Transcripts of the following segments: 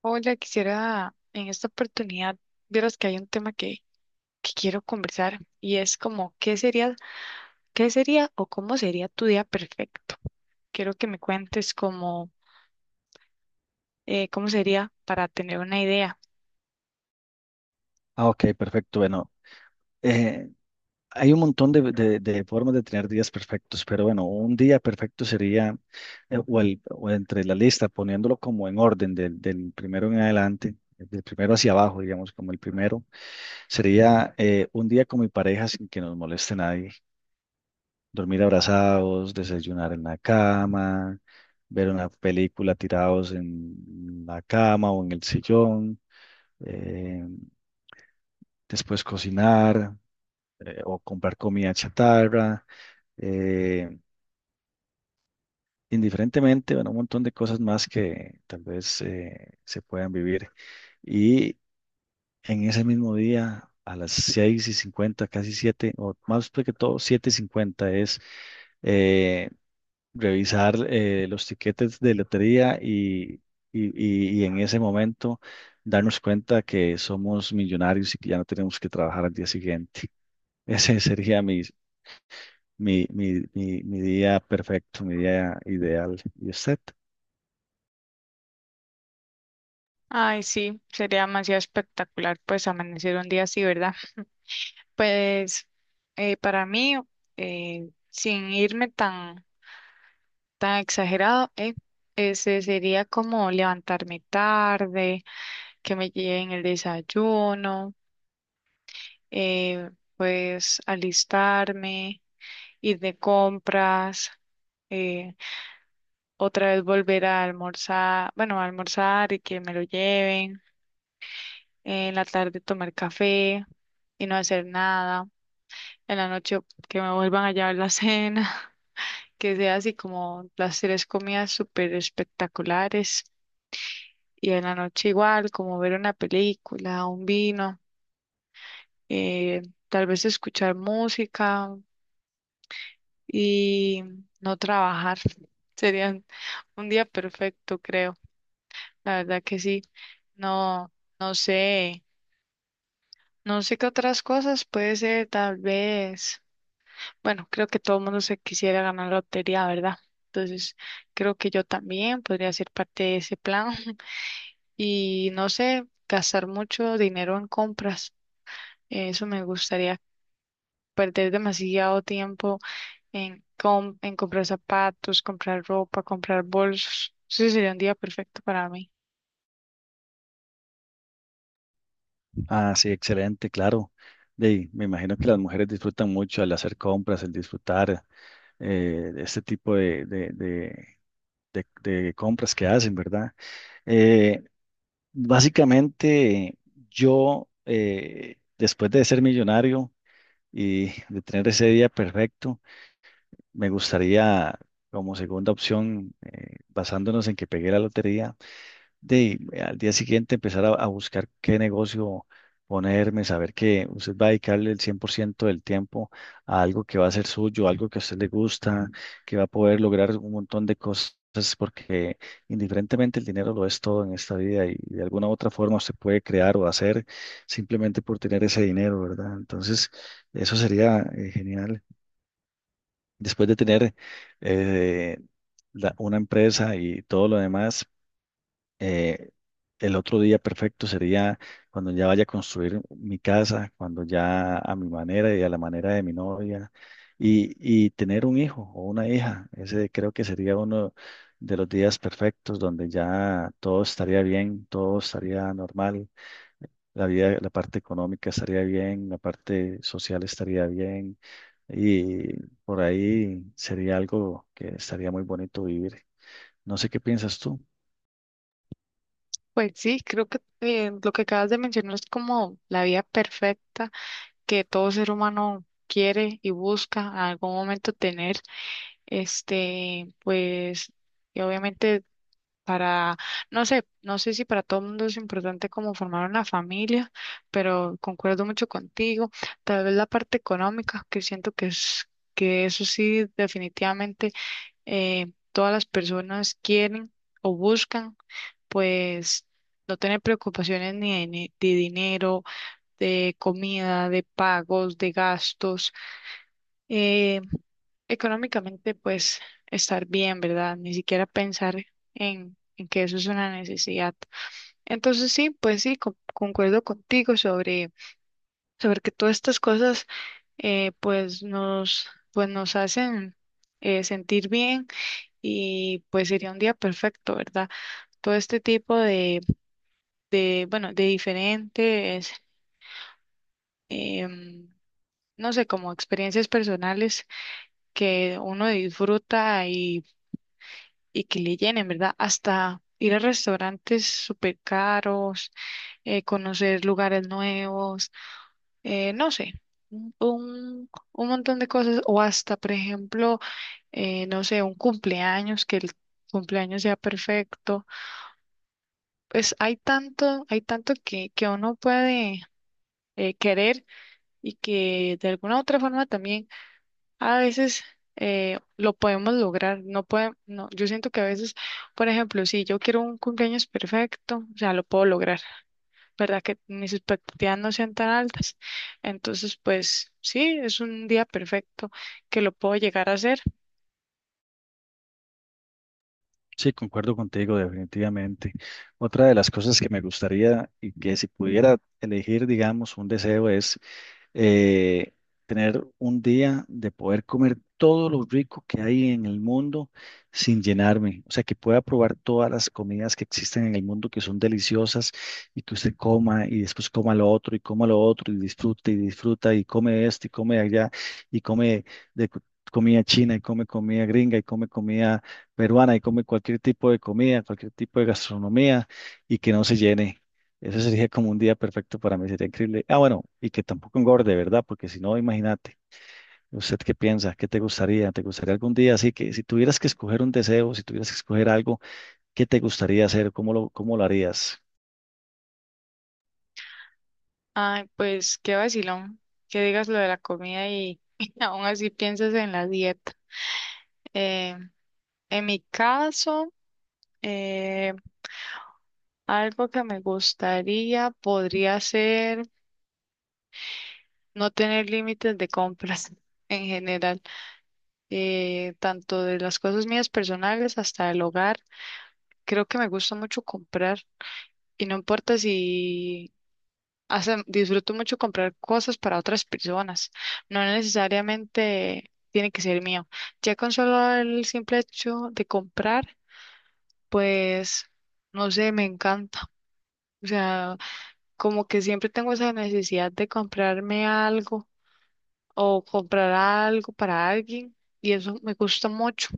Hola, quisiera en esta oportunidad, vieras que hay un tema que quiero conversar y es como, qué sería o cómo sería tu día perfecto? Quiero que me cuentes cómo, cómo sería para tener una idea. Ah, ok, perfecto. Bueno, eh, hay un montón de, de formas de tener días perfectos, pero bueno, un día perfecto sería, o entre la lista, poniéndolo como en orden, del primero en adelante, del primero hacia abajo, digamos, como el primero, sería un día con mi pareja sin que nos moleste nadie, dormir abrazados, desayunar en la cama, ver una película tirados en la cama o en el sillón, eh, después cocinar o comprar comida chatarra, eh, indiferentemente, bueno, un montón de cosas más que tal vez se puedan vivir. Y en ese mismo día, a las 6:50 casi 7 o más que todo, siete y 50 es eh, revisar los tiquetes de lotería y en ese momento darnos cuenta que somos millonarios y que ya no tenemos que trabajar al día siguiente. Ese sería mi día perfecto, mi día ideal. ¿Y usted? Ay, sí, sería demasiado espectacular pues amanecer un día así, ¿verdad? Pues para mí, sin irme tan, tan exagerado, ese sería como levantarme tarde, que me lleven el desayuno, eh, pues alistarme, ir de compras, eh, otra vez volver a almorzar, bueno, a almorzar y que me lo lleven, en la tarde tomar café y no hacer nada. En la noche que me vuelvan a llevar la cena, que sea así como las tres comidas súper espectaculares y en la noche igual, como ver una película, un vino, eh, tal vez escuchar música y no trabajar. Sería un día perfecto, creo. La verdad que sí. No, no sé, no sé qué otras cosas puede ser, tal vez. Bueno, creo que todo el mundo se quisiera ganar la lotería, ¿verdad? Entonces, creo que yo también podría ser parte de ese plan y no sé, gastar mucho dinero en compras. Eso me gustaría, perder demasiado tiempo en comprar zapatos, comprar ropa, comprar bolsos. Ese sería un día perfecto para mí. Ah, sí, excelente, claro. De Me imagino que las mujeres disfrutan mucho el hacer compras, el disfrutar de este tipo de- de compras que hacen, ¿verdad? Eh, básicamente, yo, después de ser millonario y de tener ese día perfecto, me gustaría, como segunda opción, basándonos en que pegué la lotería, de al día siguiente empezar a buscar qué negocio ponerme, saber que usted va a dedicarle el 100% del tiempo a algo que va a ser suyo, algo que a usted le gusta, que va a poder lograr un montón de cosas, porque indiferentemente el dinero lo es todo en esta vida y de alguna u otra forma se puede crear o hacer simplemente por tener ese dinero, ¿verdad? Entonces, eso sería genial. Después de tener eh, una empresa y todo lo demás eh, el otro día perfecto sería cuando ya vaya a construir mi casa, cuando ya a mi manera y a la manera de mi novia, y, y tener un hijo o una hija. Ese creo que sería uno de los días perfectos donde ya todo estaría bien, todo estaría normal, la vida, la parte económica estaría bien, la parte social estaría bien, y por ahí sería algo que estaría muy bonito vivir. No sé qué piensas tú. Pues sí, creo que lo que acabas de mencionar es como la vida perfecta que todo ser humano quiere y busca en algún momento tener. Este, pues, y obviamente para, no sé si para todo el mundo es importante como formar una familia, pero concuerdo mucho contigo. Tal vez la parte económica, que siento que es, que eso sí, definitivamente todas las personas quieren o buscan, pues, no tener preocupaciones de dinero, de comida, de pagos, de gastos. eh, económicamente, pues estar bien, ¿verdad? Ni siquiera pensar en que eso es una necesidad. Entonces sí, pues sí, concuerdo contigo sobre que todas estas cosas pues nos hacen sentir bien y pues sería un día perfecto, ¿verdad? Todo este tipo de bueno, de diferentes, em, no sé, como experiencias personales que uno disfruta y que le llenen, ¿verdad? Hasta ir a restaurantes súper caros, conocer lugares nuevos, no sé, un montón de cosas, o hasta, por ejemplo, no sé, un cumpleaños, que el cumpleaños sea perfecto. Pues hay tanto que uno puede querer y que de alguna u otra forma también a veces lo podemos lograr, no puede, no, yo siento que a veces, por ejemplo, si yo quiero un cumpleaños perfecto, o sea, lo puedo lograr, ¿verdad? Que mis expectativas no sean tan altas, entonces, pues sí, es un día perfecto que lo puedo llegar a hacer. Sí, concuerdo contigo, definitivamente. Otra de las cosas que me gustaría y que si pudiera elegir, digamos, un deseo es eh, tener un día de poder comer todo lo rico que hay en el mundo sin llenarme. O sea, que pueda probar todas las comidas que existen en el mundo que son deliciosas y que usted coma y después coma lo otro y coma lo otro y disfruta y disfruta y come esto y come allá y come de cu- comida china y come comida gringa y come comida peruana y come cualquier tipo de comida, cualquier tipo de gastronomía y que no se llene. Eso sería como un día perfecto para mí, sería increíble. Ah, bueno, y que tampoco engorde, ¿verdad? Porque si no, imagínate, ¿usted qué piensa? ¿Qué te gustaría? ¿Te gustaría algún día? Así que si tuvieras que escoger un deseo, si tuvieras que escoger algo, ¿qué te gustaría hacer? Cómo lo harías? Ay, pues qué vacilón, que digas lo de la comida y aún así piensas en la dieta. Eh, en mi caso, eh, algo que me gustaría podría ser... No tener límites de compras en general, tanto de las cosas mías personales hasta el hogar. Creo que me gusta mucho comprar y no importa si hasta disfruto mucho comprar cosas para otras personas. No necesariamente tiene que ser mío. Ya con solo el simple hecho de comprar, pues no sé, me encanta. O sea, como que siempre tengo esa necesidad de comprarme algo o comprar algo para alguien y eso me gusta mucho.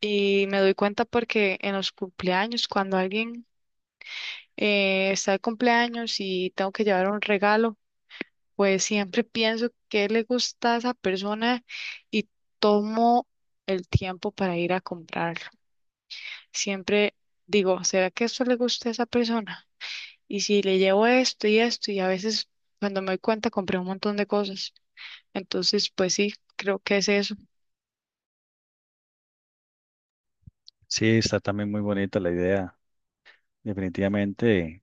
Y me doy cuenta porque en los cumpleaños, cuando alguien está de cumpleaños y tengo que llevar un regalo, pues siempre pienso qué le gusta a esa persona y tomo el tiempo para ir a comprarlo. Siempre digo, ¿será que esto le gusta a esa persona? Y si le llevo esto y esto, y a veces cuando me doy cuenta compré un montón de cosas. Entonces, pues sí, creo que es eso. Sí, está también muy bonita la idea. Definitivamente,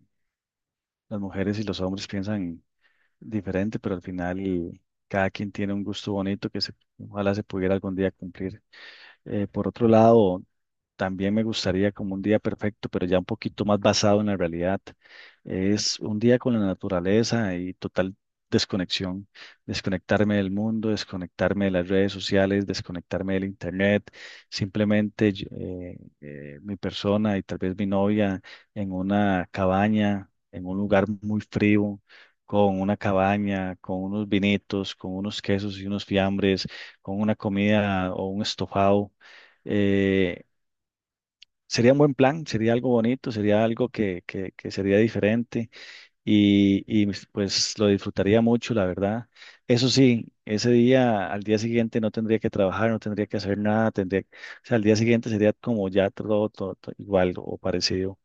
las mujeres y los hombres piensan diferente, pero al final cada quien tiene un gusto bonito que se, ojalá se pudiera algún día cumplir. Por otro lado, también me gustaría como un día perfecto, pero ya un poquito más basado en la realidad. Es un día con la naturaleza y total desconexión. Desconectarme del mundo, desconectarme de las redes sociales, desconectarme del internet. Simplemente mi persona y tal vez mi novia en una cabaña, en un lugar muy frío, con una cabaña, con unos vinitos, con unos quesos y unos fiambres, con una comida o un estofado. eh, Sería un buen plan, sería algo bonito, sería algo que sería diferente y pues lo disfrutaría mucho, la verdad. Eso sí, ese día, al día siguiente no tendría que trabajar, no tendría que hacer nada, tendría, o sea, al día siguiente sería como ya todo, todo igual o parecido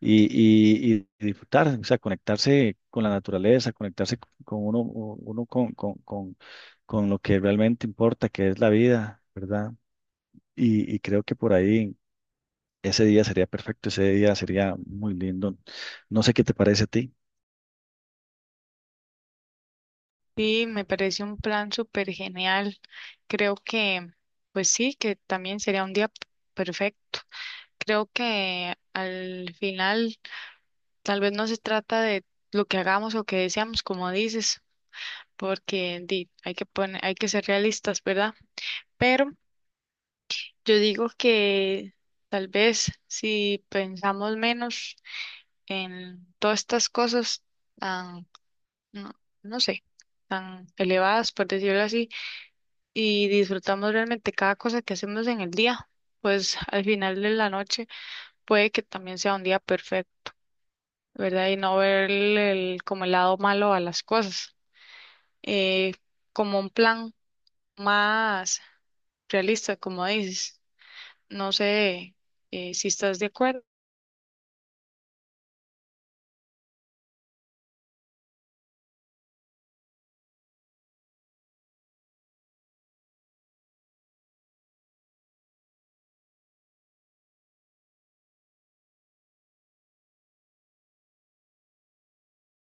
y, y disfrutar, o sea, conectarse con la naturaleza, conectarse con uno con lo que realmente importa, que es la vida, ¿verdad? Y creo que por ahí ese día sería perfecto, ese día sería muy lindo. No sé qué te parece a ti. Sí, me parece un plan súper genial. Creo que, pues sí, que también sería un día perfecto. Creo que al final tal vez no se trata de lo que hagamos o que deseamos, como dices, porque di, hay que poner, hay que ser realistas, ¿verdad? Pero yo digo que tal vez si pensamos menos en todas estas cosas tan, no, no sé, tan elevadas, por decirlo así y disfrutamos realmente cada cosa que hacemos en el día, pues al final de la noche puede que también sea un día perfecto, ¿verdad? Y no ver como el lado malo a las cosas, eh, como un plan más realista, como dices. No sé si estás de acuerdo.